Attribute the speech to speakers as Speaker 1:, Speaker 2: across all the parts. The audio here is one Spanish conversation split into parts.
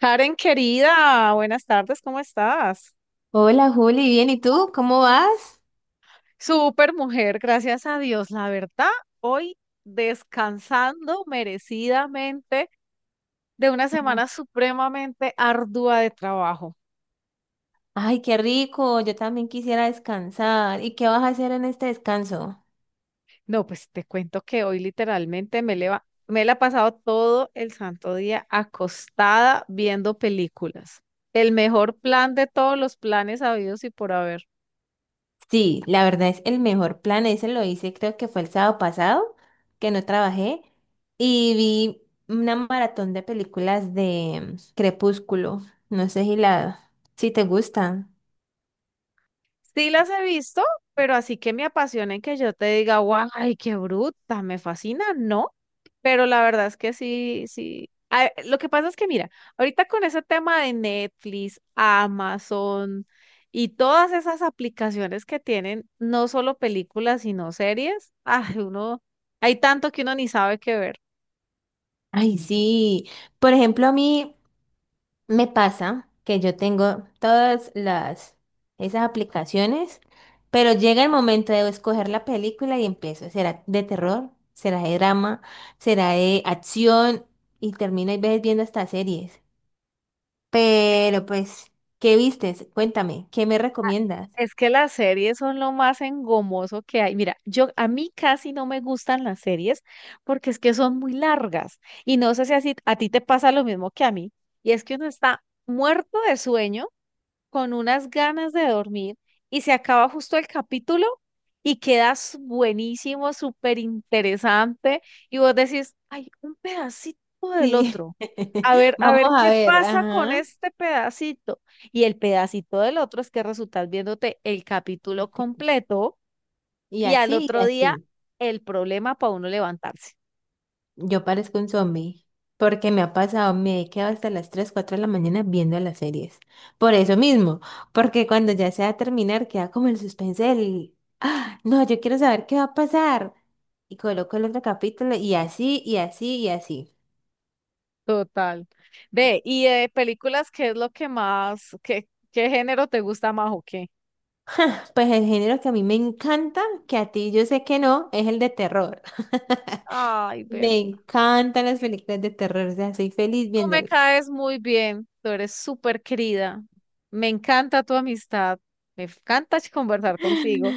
Speaker 1: Karen, querida, buenas tardes, ¿cómo estás?
Speaker 2: Hola Juli, bien, ¿y tú? ¿Cómo vas?
Speaker 1: Súper mujer, gracias a Dios, la verdad, hoy descansando merecidamente de una
Speaker 2: Mm.
Speaker 1: semana supremamente ardua de trabajo.
Speaker 2: Ay, qué rico, yo también quisiera descansar. ¿Y qué vas a hacer en este descanso?
Speaker 1: No, pues te cuento que hoy literalmente me la he pasado todo el santo día acostada viendo películas. El mejor plan de todos los planes habidos y por haber.
Speaker 2: Sí, la verdad es el mejor plan, ese lo hice creo que fue el sábado pasado, que no trabajé, y vi una maratón de películas de Crepúsculo, no sé si te gustan.
Speaker 1: Sí las he visto, pero así que me apasionen que yo te diga, guay, qué bruta, me fascina, no. Pero la verdad es que sí, sí. Lo que pasa es que, mira, ahorita con ese tema de Netflix, Amazon y todas esas aplicaciones que tienen, no solo películas, sino series, ay, uno, hay tanto que uno ni sabe qué ver.
Speaker 2: Ay, sí, por ejemplo, a mí me pasa que yo tengo todas las esas aplicaciones, pero llega el momento de escoger la película y empiezo. ¿Será de terror? ¿Será de drama? ¿Será de acción? Y termino a veces viendo hasta series. Pero pues, ¿qué vistes? Cuéntame, ¿qué me recomiendas?
Speaker 1: Es que las series son lo más engomoso que hay. Mira, yo a mí casi no me gustan las series porque es que son muy largas y no sé si así a ti te pasa lo mismo que a mí y es que uno está muerto de sueño con unas ganas de dormir y se acaba justo el capítulo y quedas buenísimo, súper interesante y vos decís, ay, un pedacito del
Speaker 2: Sí.
Speaker 1: otro. A
Speaker 2: Vamos
Speaker 1: ver
Speaker 2: a
Speaker 1: qué
Speaker 2: ver,
Speaker 1: pasa con
Speaker 2: ajá.
Speaker 1: este pedacito. Y el pedacito del otro es que resultas viéndote el capítulo completo
Speaker 2: Y
Speaker 1: y al
Speaker 2: así, y
Speaker 1: otro día
Speaker 2: así.
Speaker 1: el problema para uno levantarse.
Speaker 2: Yo parezco un zombie, porque me ha pasado, me he quedado hasta las 3 4 de la mañana viendo las series. Por eso mismo, porque cuando ya se va a terminar, queda como el suspense ah, no, yo quiero saber qué va a pasar. Y coloco el otro capítulo y así, y así, y así.
Speaker 1: Total. Ve, y de películas, ¿qué es lo que más, qué, qué género te gusta más o qué?
Speaker 2: Pues el género que a mí me encanta, que a ti yo sé que no, es el de terror.
Speaker 1: Ay,
Speaker 2: Me
Speaker 1: verdad.
Speaker 2: encantan las películas de terror, o sea, soy feliz
Speaker 1: Tú me
Speaker 2: viéndolas.
Speaker 1: caes muy bien, tú eres súper querida. Me encanta tu amistad, me encanta, conversar contigo,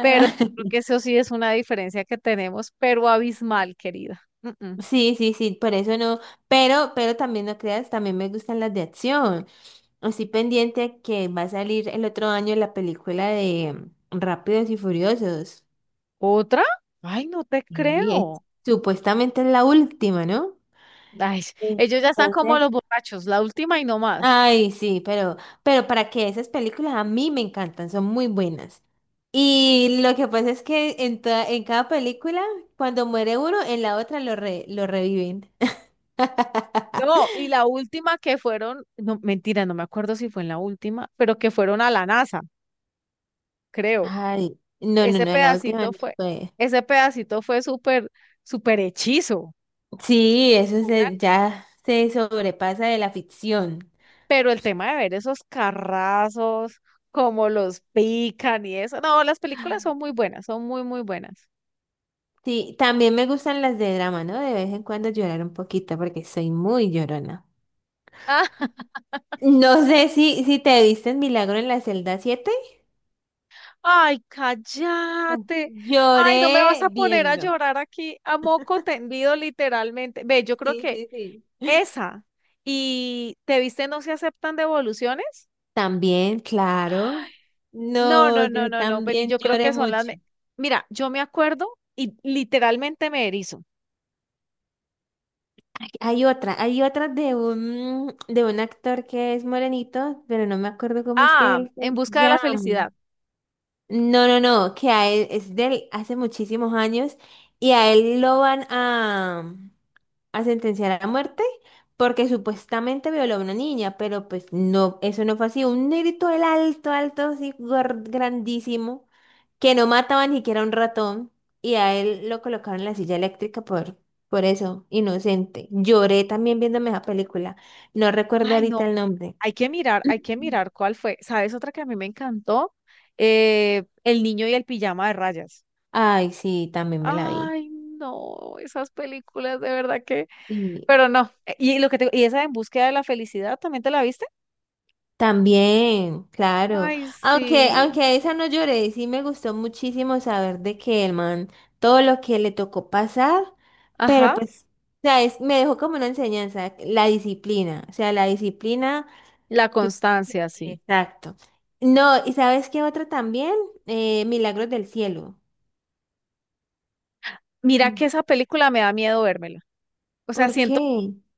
Speaker 1: pero creo que eso sí es una diferencia que tenemos, pero abismal, querida. Mm.
Speaker 2: Sí, sí, sí, por eso no, pero también no creas, también me gustan las de acción. Así pendiente a que va a salir el otro año la película de Rápidos y Furiosos.
Speaker 1: ¿Otra? Ay, no te
Speaker 2: Y
Speaker 1: creo.
Speaker 2: supuestamente es la última, ¿no?
Speaker 1: Ay, ellos ya están como
Speaker 2: Entonces,
Speaker 1: los borrachos, la última y no más.
Speaker 2: ay, sí, pero para que esas películas a mí me encantan, son muy buenas. Y lo que pasa es que en cada película, cuando muere uno, en la otra lo reviven.
Speaker 1: No, y la última que fueron, no, mentira, no me acuerdo si fue en la última, pero que fueron a la NASA, creo.
Speaker 2: Ay, no, no,
Speaker 1: Ese
Speaker 2: no, en la última
Speaker 1: pedacito
Speaker 2: no
Speaker 1: fue,
Speaker 2: fue.
Speaker 1: ese pedacito fue súper, súper hechizo.
Speaker 2: Sí,
Speaker 1: una-
Speaker 2: ya se sobrepasa de la ficción.
Speaker 1: Pero el tema de ver esos carrazos, cómo los pican y eso. No, las películas son muy buenas, son muy, muy buenas.
Speaker 2: Sí, también me gustan las de drama, ¿no? De vez en cuando llorar un poquito porque soy muy llorona.
Speaker 1: Ah,
Speaker 2: No sé si te viste en Milagro en la celda siete.
Speaker 1: ay,
Speaker 2: No.
Speaker 1: cállate. Ay, no me vas
Speaker 2: Lloré
Speaker 1: a poner a
Speaker 2: viendo.
Speaker 1: llorar aquí a moco tendido, literalmente. Ve, yo creo
Speaker 2: Sí,
Speaker 1: que
Speaker 2: sí, sí.
Speaker 1: esa. ¿Y te viste No se aceptan devoluciones?
Speaker 2: También, claro.
Speaker 1: No,
Speaker 2: No,
Speaker 1: no, no,
Speaker 2: yo
Speaker 1: no, no, vení,
Speaker 2: también
Speaker 1: yo creo
Speaker 2: lloré
Speaker 1: que
Speaker 2: mucho.
Speaker 1: mira, yo me acuerdo y literalmente me erizo.
Speaker 2: Hay otra de un actor que es morenito, pero no me acuerdo cómo es que
Speaker 1: Ah,
Speaker 2: él
Speaker 1: En
Speaker 2: se
Speaker 1: busca de la
Speaker 2: llama.
Speaker 1: felicidad.
Speaker 2: No, no, no, que a él es de hace muchísimos años y a él lo van a sentenciar a muerte porque supuestamente violó a una niña, pero pues no, eso no fue así. Un negrito, el alto, alto, así, grandísimo que no mataba ni siquiera un ratón y a él lo colocaron en la silla eléctrica por eso, inocente. Lloré también viéndome esa película. No recuerdo
Speaker 1: Ay, no,
Speaker 2: ahorita el nombre.
Speaker 1: hay que mirar, hay que mirar cuál fue. ¿Sabes otra que a mí me encantó? El niño y el pijama de rayas.
Speaker 2: Ay, sí, también me la vi.
Speaker 1: Ay, no, esas películas de verdad que,
Speaker 2: Y
Speaker 1: pero no. Y y esa En búsqueda de la felicidad, ¿también te la viste?
Speaker 2: también, claro.
Speaker 1: Ay,
Speaker 2: Aunque,
Speaker 1: sí.
Speaker 2: aunque a esa no lloré, sí me gustó muchísimo saber de que el man, todo lo que le tocó pasar, pero
Speaker 1: Ajá,
Speaker 2: pues, o sea, me dejó como una enseñanza, la disciplina. O sea, la disciplina.
Speaker 1: la
Speaker 2: Tú-
Speaker 1: constancia, sí.
Speaker 2: Exacto. No, ¿y sabes qué otra también? Milagros del Cielo.
Speaker 1: Mira que
Speaker 2: Mm.
Speaker 1: esa película me da miedo vérmela. O sea,
Speaker 2: ¿Por
Speaker 1: siento
Speaker 2: qué?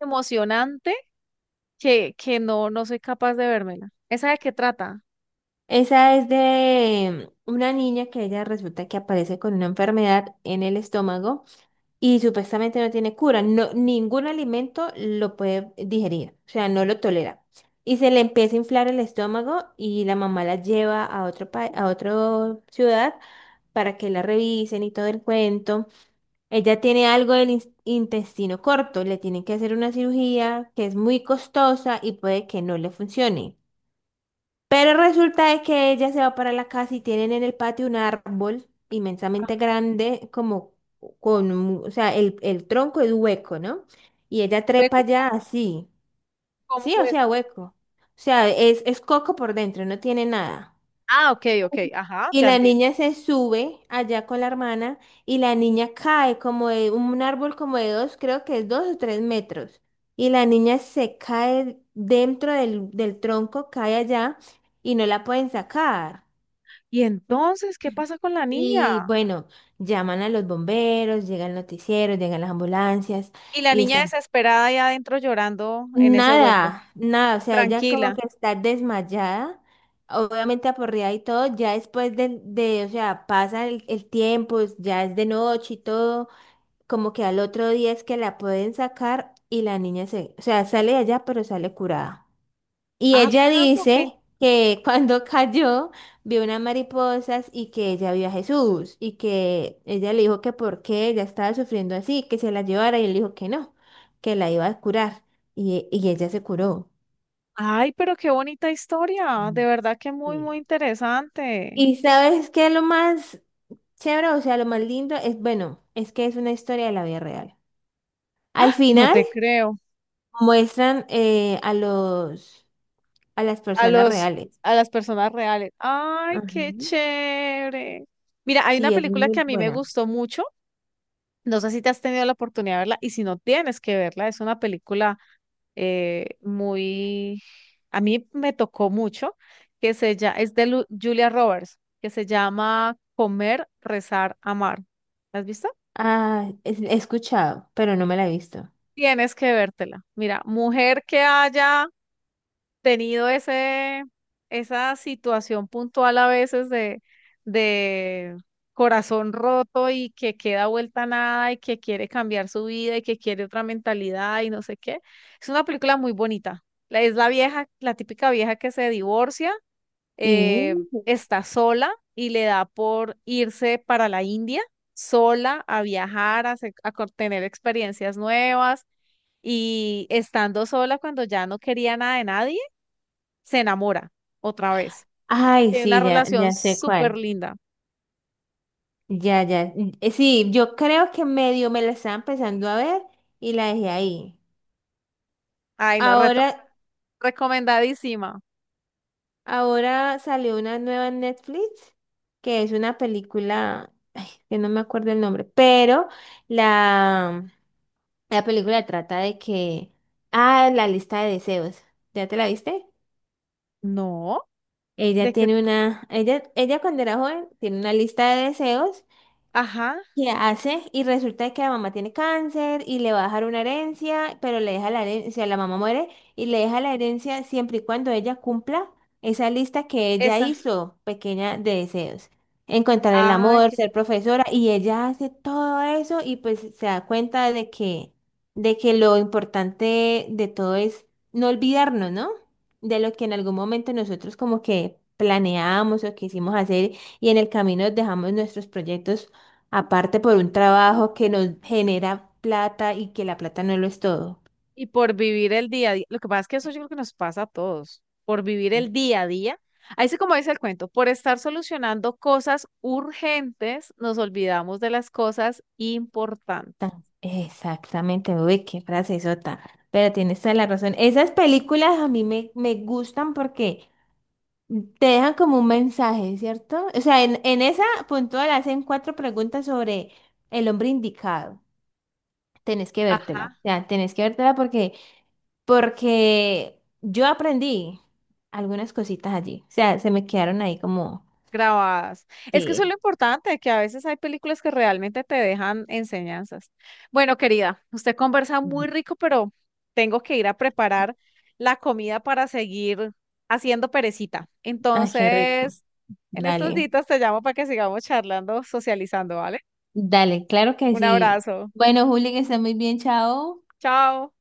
Speaker 1: emocionante que no, no soy capaz de vérmela. ¿Esa de qué trata?
Speaker 2: Esa es de una niña que ella resulta que aparece con una enfermedad en el estómago y supuestamente no tiene cura. No, ningún alimento lo puede digerir, o sea, no lo tolera. Y se le empieza a inflar el estómago y la mamá la lleva a otra ciudad para que la revisen y todo el cuento. Ella tiene algo del intestino corto, le tienen que hacer una cirugía que es muy costosa y puede que no le funcione. Pero resulta de que ella se va para la casa y tienen en el patio un árbol
Speaker 1: Ajá.
Speaker 2: inmensamente grande, como o sea, el tronco es hueco, ¿no? Y ella trepa
Speaker 1: ¿Hueco?
Speaker 2: allá
Speaker 1: ¿Cómo
Speaker 2: así,
Speaker 1: cómo
Speaker 2: sí, o sea,
Speaker 1: hueco?
Speaker 2: hueco. O sea, es coco por dentro, no tiene nada.
Speaker 1: Ah, ok, ok, ajá,
Speaker 2: Y
Speaker 1: ya
Speaker 2: la
Speaker 1: entendí.
Speaker 2: niña se sube allá con la hermana y la niña cae como de un árbol como de dos, creo que es 2 o 3 metros. Y la niña se cae dentro del tronco, cae allá y no la pueden sacar.
Speaker 1: Y entonces, ¿qué pasa con la
Speaker 2: Y
Speaker 1: niña?
Speaker 2: bueno, llaman a los bomberos, llega el noticiero, llegan las ambulancias
Speaker 1: Y la
Speaker 2: y
Speaker 1: niña
Speaker 2: están.
Speaker 1: desesperada ahí adentro llorando en ese hueco,
Speaker 2: Nada, nada, o sea, ella como
Speaker 1: tranquila.
Speaker 2: que está desmayada, obviamente aporreada y todo, ya después de, o sea, pasa el tiempo, ya es de noche y todo, como que al otro día es que la pueden sacar y la niña o sea, sale de allá pero sale curada. Y
Speaker 1: Ah,
Speaker 2: ella
Speaker 1: carajo, qué...
Speaker 2: dice que cuando cayó vio unas mariposas y que ella vio a Jesús y que ella le dijo que por qué ella estaba sufriendo así, que se la llevara y él dijo que no, que la iba a curar y ella se curó.
Speaker 1: Ay, pero qué bonita historia. De
Speaker 2: Mm,
Speaker 1: verdad que muy, muy
Speaker 2: sí.
Speaker 1: interesante.
Speaker 2: ¿Y sabes qué es lo más chévere? O sea, lo más lindo es, bueno, es que es una historia de la vida real. Al
Speaker 1: No
Speaker 2: final
Speaker 1: te creo.
Speaker 2: muestran a las
Speaker 1: A
Speaker 2: personas
Speaker 1: los,
Speaker 2: reales.
Speaker 1: a las personas reales. Ay,
Speaker 2: Ajá.
Speaker 1: qué chévere. Mira, hay una
Speaker 2: Sí, es
Speaker 1: película que
Speaker 2: muy
Speaker 1: a mí me
Speaker 2: buena.
Speaker 1: gustó mucho. No sé si te has tenido la oportunidad de verla y si no tienes que verla, es una película muy, a mí me tocó mucho, que se llama, es de Julia Roberts, que se llama Comer, Rezar, Amar. ¿La has visto?
Speaker 2: Ah, he escuchado, pero no me la he visto.
Speaker 1: Tienes que vértela. Mira, mujer que haya tenido ese, esa situación puntual a veces de corazón roto y que queda vuelta a nada y que quiere cambiar su vida y que quiere otra mentalidad y no sé qué. Es una película muy bonita. Es la vieja, la típica vieja que se divorcia,
Speaker 2: Sí.
Speaker 1: eh, está sola y le da por irse para la India sola a viajar, a, se- a co- tener experiencias nuevas y estando sola cuando ya no quería nada de nadie se enamora otra vez y
Speaker 2: Ay,
Speaker 1: tiene una
Speaker 2: sí, ya,
Speaker 1: relación
Speaker 2: ya sé
Speaker 1: súper
Speaker 2: cuál.
Speaker 1: linda.
Speaker 2: Ya, ya. Sí, yo creo que medio me la estaba empezando a ver y la dejé ahí.
Speaker 1: Ay, no,
Speaker 2: Ahora,
Speaker 1: recomendadísima.
Speaker 2: ahora salió una nueva en Netflix que es una película, ay, que no me acuerdo el nombre, pero la, la película trata de que, ah, la lista de deseos. ¿Ya te la viste?
Speaker 1: No,
Speaker 2: Ella
Speaker 1: de que,
Speaker 2: tiene una, ella, ella cuando era joven tiene una lista de deseos
Speaker 1: ajá,
Speaker 2: que hace y resulta que la mamá tiene cáncer y le va a dejar una herencia, pero le deja la herencia, la mamá muere y le deja la herencia siempre y cuando ella cumpla esa lista que ella
Speaker 1: esa.
Speaker 2: hizo pequeña de deseos. Encontrar el
Speaker 1: Ay,
Speaker 2: amor, ser profesora y ella hace todo eso y pues se da cuenta de que lo importante de todo es no olvidarnos, ¿no? De lo que en algún momento nosotros como que planeamos o quisimos hacer y en el camino dejamos nuestros proyectos. Aparte por un trabajo que nos genera plata y que la plata no lo es todo.
Speaker 1: y por vivir el día a día. Lo que pasa es que eso yo creo que nos pasa a todos. Por vivir el día a día. Ahí sí, como dice el cuento, por estar solucionando cosas urgentes, nos olvidamos de las cosas importantes.
Speaker 2: Exactamente, uy, qué frase sota. Pero tienes toda la razón. Esas películas a mí me gustan porque te dejan como un mensaje, ¿cierto? O sea, en esa puntual hacen cuatro preguntas sobre el hombre indicado. Tenés que vértela. O sea, tenés que vértela porque yo aprendí algunas cositas allí. O sea, se me quedaron ahí como,
Speaker 1: Grabadas. Es que eso
Speaker 2: sí.
Speaker 1: es lo importante, que a veces hay películas que realmente te dejan enseñanzas. Bueno, querida, usted conversa muy rico, pero tengo que ir a preparar la comida para seguir haciendo perecita.
Speaker 2: Ay, qué rico.
Speaker 1: Entonces, en estos
Speaker 2: Dale,
Speaker 1: días te llamo para que sigamos charlando, socializando, ¿vale?
Speaker 2: dale, claro que
Speaker 1: Un
Speaker 2: sí.
Speaker 1: abrazo.
Speaker 2: Bueno, Juli, que esté muy bien, chao.
Speaker 1: Chao.